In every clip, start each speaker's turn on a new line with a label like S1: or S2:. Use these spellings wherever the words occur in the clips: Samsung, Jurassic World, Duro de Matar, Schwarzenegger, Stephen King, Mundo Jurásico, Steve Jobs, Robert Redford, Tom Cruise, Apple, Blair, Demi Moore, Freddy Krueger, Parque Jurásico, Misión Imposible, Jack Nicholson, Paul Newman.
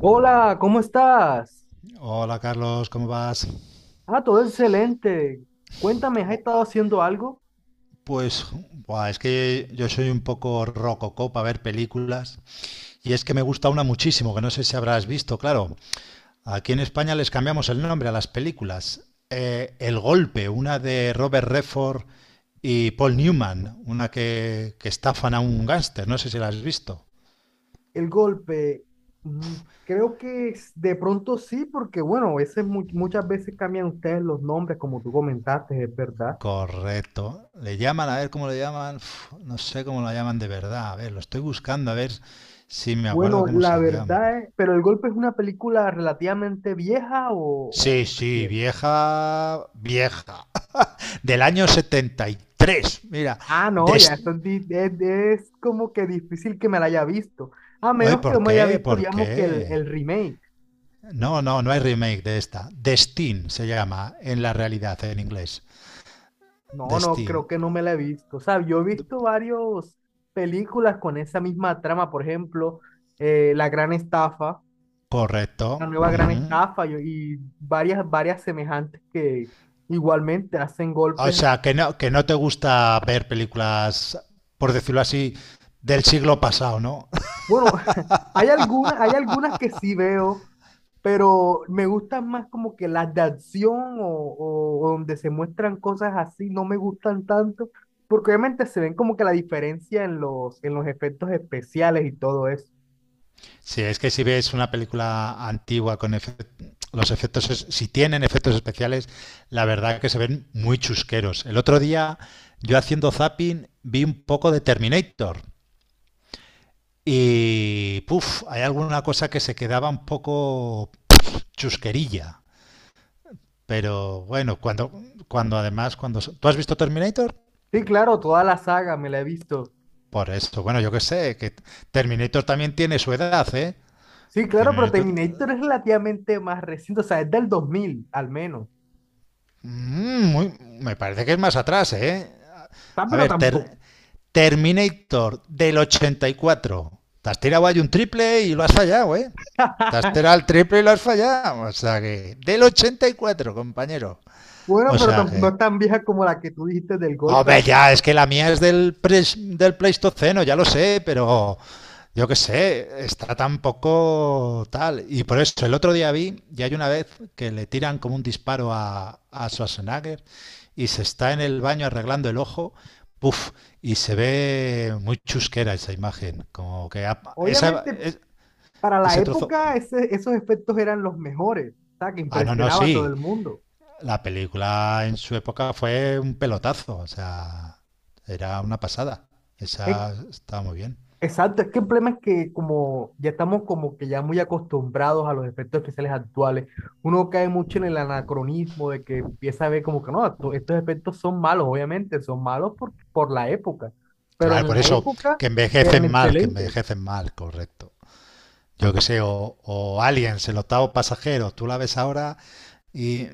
S1: Hola, ¿cómo estás?
S2: Hola Carlos, ¿cómo vas?
S1: Ah, todo excelente. Cuéntame, ¿has
S2: O-
S1: estado haciendo algo?
S2: Pues buah, es que yo soy un poco rococó para ver películas y es que me gusta una muchísimo, que no sé si habrás visto, claro. Aquí en España les cambiamos el nombre a las películas. El Golpe, una de Robert Redford y Paul Newman, una que estafan a un gángster, no sé si la has visto.
S1: El golpe, mm, creo de pronto sí, porque bueno, a veces, muchas veces cambian ustedes los nombres, como tú comentaste, es verdad.
S2: Correcto. Le llaman, a ver cómo le llaman, uf, no sé cómo la llaman de verdad, a ver, lo estoy buscando, a ver si me acuerdo
S1: Bueno,
S2: cómo
S1: la
S2: se llama.
S1: verdad es, pero El Golpe es una película relativamente vieja o,
S2: Sí,
S1: o
S2: sí,
S1: reciente.
S2: vieja, vieja. Del año 73. Mira,
S1: Ah, no, ya,
S2: Des-
S1: esto es, es como que difícil que me la haya visto, a
S2: Oye,
S1: menos que yo
S2: ¿por
S1: me haya
S2: qué?
S1: visto,
S2: ¿Por
S1: digamos, que el,
S2: qué?
S1: el remake.
S2: No, no, no hay remake de esta. Destin se llama en la realidad en inglés.
S1: No, no,
S2: Destin.
S1: creo que no me la he visto. O sea, yo he
S2: D-
S1: visto varias películas con esa misma trama, por ejemplo, La Gran Estafa,
S2: Correcto.
S1: La Nueva Gran
S2: Ujú.
S1: Estafa y varias, varias semejantes que igualmente hacen
S2: O
S1: golpes.
S2: sea, que no te gusta ver películas, por decirlo así, del siglo pasado, ¿no?
S1: Bueno, hay algunas que sí veo, pero me gustan más como que las de acción o donde se muestran cosas así, no me gustan tanto, porque obviamente se ven como que la diferencia en los efectos especiales y todo eso.
S2: Sí, es que si ves una película antigua con los efectos, si tienen efectos especiales, la verdad que se ven muy chusqueros. El otro día, yo haciendo zapping, vi un poco de Terminator y, puf, hay alguna cosa que se quedaba un poco chusquerilla. Pero bueno, cuando además, cuando... ¿Tú has visto Terminator?
S1: Sí, claro, toda la saga me la he visto.
S2: Por esto, bueno, yo qué sé, que Terminator también tiene su edad, ¿eh?
S1: Sí, claro, pero
S2: Terminator...
S1: Terminator es relativamente más reciente, o sea, es del 2000 al menos. O
S2: Mm, me parece que es más atrás, ¿eh?
S1: sea,
S2: A
S1: pero
S2: ver,
S1: tampoco.
S2: Terminator del 84. Te has tirado ahí un triple y lo has fallado, ¿eh? Te has tirado el triple y lo has fallado. O sea que... Del 84, compañero.
S1: Bueno,
S2: O
S1: pero
S2: sea
S1: no
S2: que...
S1: es tan vieja como la que tú dijiste del golpe.
S2: Hombre, ya, es que la mía es del Pleistoceno, ya lo sé, pero yo qué sé, está tan poco tal. Y por eso, el otro día vi, y hay una vez que le tiran como un disparo a Schwarzenegger y se está en el baño arreglando el ojo, puff, y se ve muy chusquera esa imagen, como que esa,
S1: Obviamente, para la
S2: ese trozo.
S1: época, esos efectos eran los mejores, o sea, que
S2: Ah, no, no,
S1: impresionaba a todo
S2: sí.
S1: el mundo.
S2: La película en su época fue un pelotazo, o sea, era una pasada.
S1: En
S2: Esa estaba muy bien.
S1: Exacto, es que el problema es que como ya estamos como que ya muy acostumbrados a los efectos especiales actuales, uno cae mucho en el anacronismo de que empieza a ver como que no, estos efectos son malos, obviamente, son malos por la época, pero
S2: Claro,
S1: en
S2: por
S1: la
S2: eso,
S1: época eran
S2: que
S1: excelentes.
S2: envejecen mal, correcto. Yo que sé, o Aliens, el octavo pasajero, tú la ves ahora y...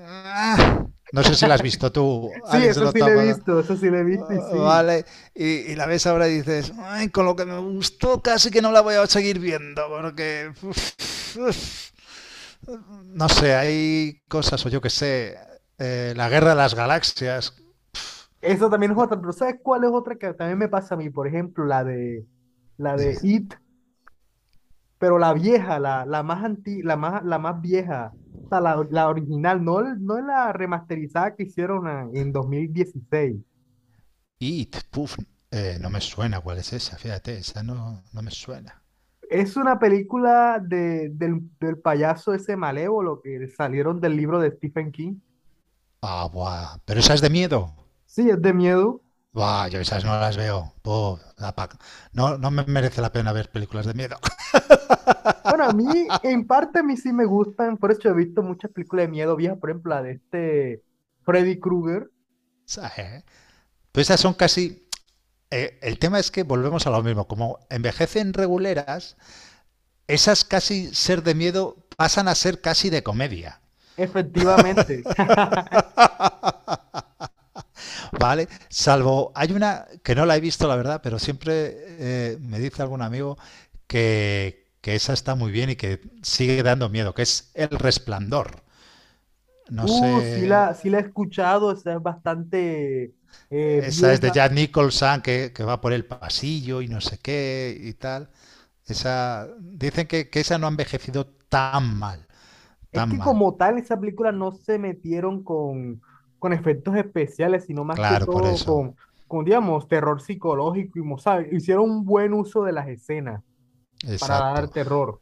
S2: ah, No sé si la has visto tú,
S1: Sí,
S2: Aliens, el
S1: eso sí lo
S2: octavo
S1: he visto, eso sí lo he visto y
S2: pasajero,
S1: sí.
S2: vale, y la ves ahora y dices: "Ay, con lo que me gustó casi que no la voy a seguir viendo, porque... uf, uf". No sé, hay cosas, o yo qué sé, la guerra de las galaxias.
S1: Eso también es otra, pero ¿sabes cuál es otra que también me pasa a mí? Por ejemplo, la
S2: Dime.
S1: de It, pero la vieja, la más anti, la más vieja, o sea, la original, no, no la remasterizada que hicieron en dos mil dieciséis.
S2: It, puf, no me suena cuál es esa, fíjate, esa no, no me suena.
S1: Es una película del, del payaso ese malévolo que salieron del libro de Stephen King.
S2: Ah, buah, pero esa es de miedo.
S1: Sí, es de miedo.
S2: Buah, yo esas no las veo. No, no me merece la pena ver películas de miedo.
S1: Bueno, a mí, en parte, a mí sí me gustan. Por eso he visto muchas películas de miedo viejas, por ejemplo, la de este Freddy Krueger.
S2: ¿Sabes? Pues esas son casi... el tema es que volvemos a lo mismo, como envejecen reguleras, esas casi ser de miedo pasan a ser casi de comedia.
S1: Efectivamente.
S2: Vale, salvo hay una que no la he visto, la verdad, pero siempre me dice algún amigo que esa está muy bien y que sigue dando miedo, que es El Resplandor. No sé,
S1: Sí la, sí la he escuchado, o sea, es bastante
S2: esa es de
S1: vieja.
S2: Jack Nicholson que va por el pasillo y no sé qué y tal. Esa, dicen que esa no ha envejecido tan mal,
S1: Es
S2: tan
S1: que
S2: mal.
S1: como tal, esa película no se metieron con efectos especiales, sino más que
S2: Claro, por
S1: todo
S2: eso.
S1: con, digamos, terror psicológico y, ¿sabe? Hicieron un buen uso de las escenas para dar
S2: Exacto.
S1: terror.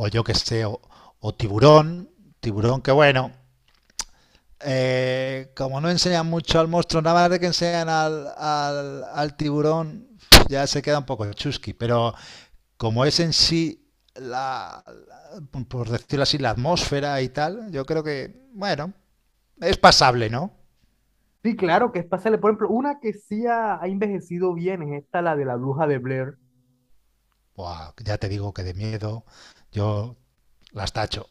S2: O yo que sé, o tiburón, tiburón que bueno, como no enseñan mucho al monstruo, nada más de que enseñan al, al, al tiburón, ya se queda un poco chusqui. Pero como es en sí, por decirlo así, la atmósfera y tal, yo creo que, bueno, es pasable, ¿no?
S1: Sí, claro, que es pasable. Por ejemplo, una que sí ha, ha envejecido bien es esta, la de la bruja de Blair.
S2: Buah, ya te digo que de miedo yo las tacho.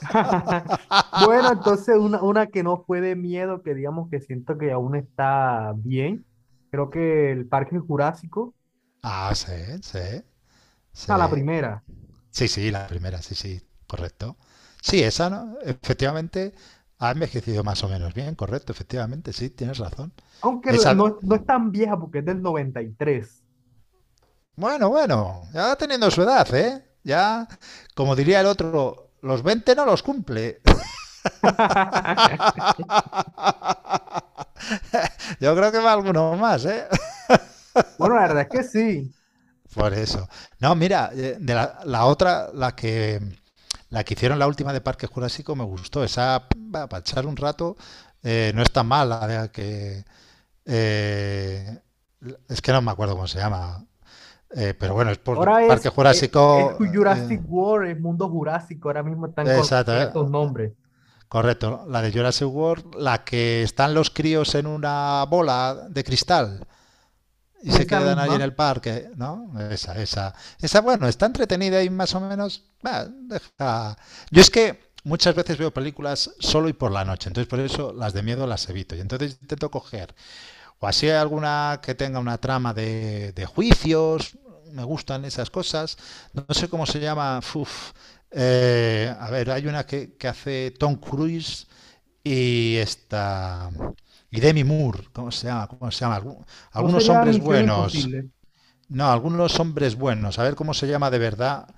S1: Bueno, entonces una que no fue de miedo, que digamos que siento que aún está bien. Creo que el Parque Jurásico,
S2: Ah, sí, sí, sí.
S1: a la primera.
S2: Sí, sí, la primera, sí, sí, correcto. Sí, esa, ¿no? Efectivamente, ha envejecido más o menos bien, correcto, efectivamente, sí, tienes razón.
S1: Aunque
S2: Esa,
S1: no, no es tan vieja porque es del 93.
S2: bueno, bueno, ya va teniendo su edad, ¿eh? Ya, como diría el otro, los 20 no los cumple. Yo creo que va alguno más, ¿eh?
S1: Bueno, la verdad es que sí.
S2: Por eso. No, mira, de la, la otra, la que hicieron la última de Parque Jurásico me gustó. Esa, para echar un rato, no está mal, la de que eh, es que no me acuerdo cómo se llama, pero bueno, es por
S1: Ahora
S2: Parque
S1: es,
S2: Jurásico, eh,
S1: Jurassic World, es Mundo Jurásico, ahora mismo están
S2: exacto,
S1: con esos nombres.
S2: correcto, ¿no? La de Jurassic World, la que están los críos en una bola de cristal y
S1: Sí,
S2: se
S1: esa
S2: quedan ahí en
S1: misma.
S2: el parque, ¿no? Esa, bueno, está entretenida y más o menos, bah, deja. Yo es que muchas veces veo películas solo y por la noche, entonces por eso las de miedo las evito. Y entonces intento coger o así hay alguna que tenga una trama de juicios. Me gustan esas cosas. No sé cómo se llama. Uf. A ver, hay una que hace Tom Cruise y esta. Y Demi Moore. ¿Cómo se llama? ¿Cómo se llama?
S1: No
S2: Algunos
S1: sería
S2: hombres
S1: Misión
S2: buenos.
S1: Imposible.
S2: No, algunos hombres buenos. A ver cómo se llama de verdad.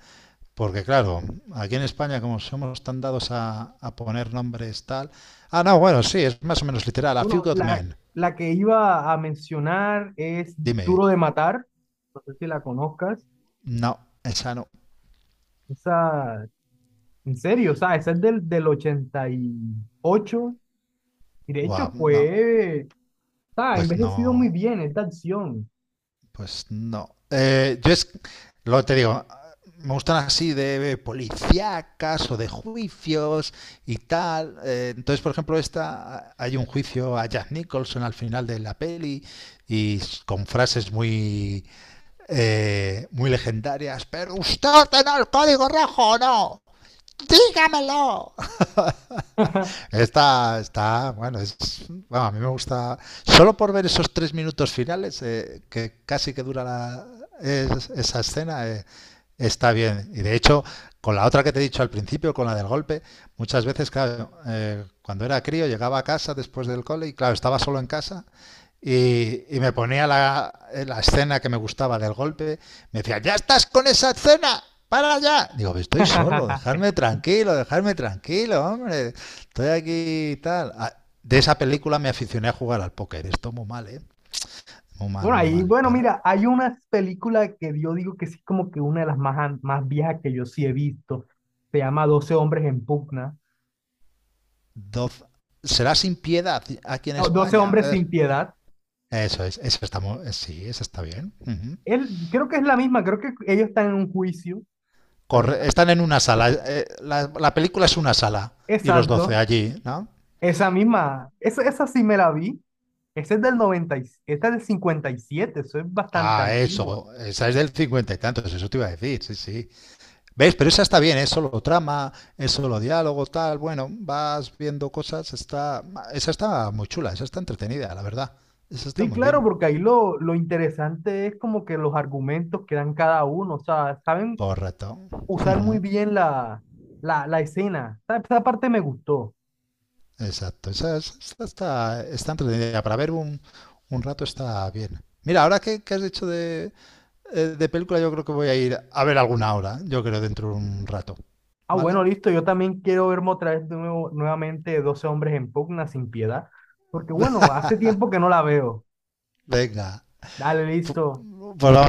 S2: Porque claro, aquí en España, como somos tan dados a poner nombres tal. Ah, no, bueno, sí, es más o menos literal. A Few
S1: Bueno,
S2: Good
S1: la,
S2: Men.
S1: la que iba a mencionar es
S2: Dime.
S1: Duro de Matar. No sé si la conozcas.
S2: No, esa no.
S1: Esa, en serio, o sea, esa es del, del 88. Y ocho. Y de
S2: Buah,
S1: hecho
S2: no,
S1: fue, o sea, ha
S2: pues
S1: envejecido muy
S2: no,
S1: bien esta acción.
S2: pues no. Yo es, lo te digo, me gustan así de policíacas o de juicios y tal. Entonces, por ejemplo, esta hay un juicio a Jack Nicholson al final de la peli y con frases muy muy legendarias. Pero usted tiene el código rojo, o ¿no? Dígamelo. Está, está, bueno, es, bueno, a mí me gusta. Solo por ver esos 3 minutos finales, que casi que dura la, esa escena, está bien. Y de hecho, con la otra que te he dicho al principio, con la del golpe, muchas veces, claro, cuando era crío llegaba a casa después del cole y, claro, estaba solo en casa. Y me ponía la, la escena que me gustaba del golpe. Me decía, ya estás con esa escena, para ya. Digo, estoy solo, dejarme tranquilo, hombre. Estoy aquí y tal. Ah, de esa película me aficioné a jugar al póker. Esto muy mal, ¿eh? Muy mal,
S1: Bueno,
S2: muy
S1: ahí,
S2: mal.
S1: bueno,
S2: Pero
S1: mira, hay una película que yo digo que sí es como que una de las más, más viejas que yo sí he visto. Se llama 12 hombres en pugna.
S2: doce, será sin piedad aquí en
S1: No, 12
S2: España. A
S1: hombres sin
S2: ver.
S1: piedad.
S2: Eso es, eso está sí, eso está bien. Ujú.
S1: Él, creo que es la misma, creo que ellos están en un juicio, ¿verdad?
S2: Están en una sala. La película es una sala y los 12
S1: Exacto,
S2: allí, ¿no?
S1: esa misma, esa sí me la vi. Esa es del 90, esta es del 57, eso es bastante
S2: Ah,
S1: antigua.
S2: eso. Esa es del 50 y tantos, eso te iba a decir, sí, sí. Veis, pero esa está bien, es solo trama, es solo diálogo, tal. Bueno, vas viendo cosas. Está... Esa está muy chula, esa está entretenida, la verdad. Esa está
S1: Sí,
S2: muy
S1: claro,
S2: bien.
S1: porque ahí lo interesante es como que los argumentos que dan cada uno, o sea, saben
S2: Correcto.
S1: usar muy
S2: Ujú,
S1: bien la, la, la escena. Esa parte me gustó.
S2: exacto. Esa está, está entretenida. Para ver un rato está bien. Mira, ahora que has dicho de película, yo creo que voy a ir a ver alguna ahora. Yo creo dentro de un rato.
S1: Ah,
S2: ¿Vale?
S1: bueno, listo. Yo también quiero verme otra vez de nuevo, nuevamente 12 hombres en pugna sin piedad. Porque bueno, hace tiempo que no la veo.
S2: Venga.
S1: Dale,
S2: Fu-
S1: listo.
S2: Pues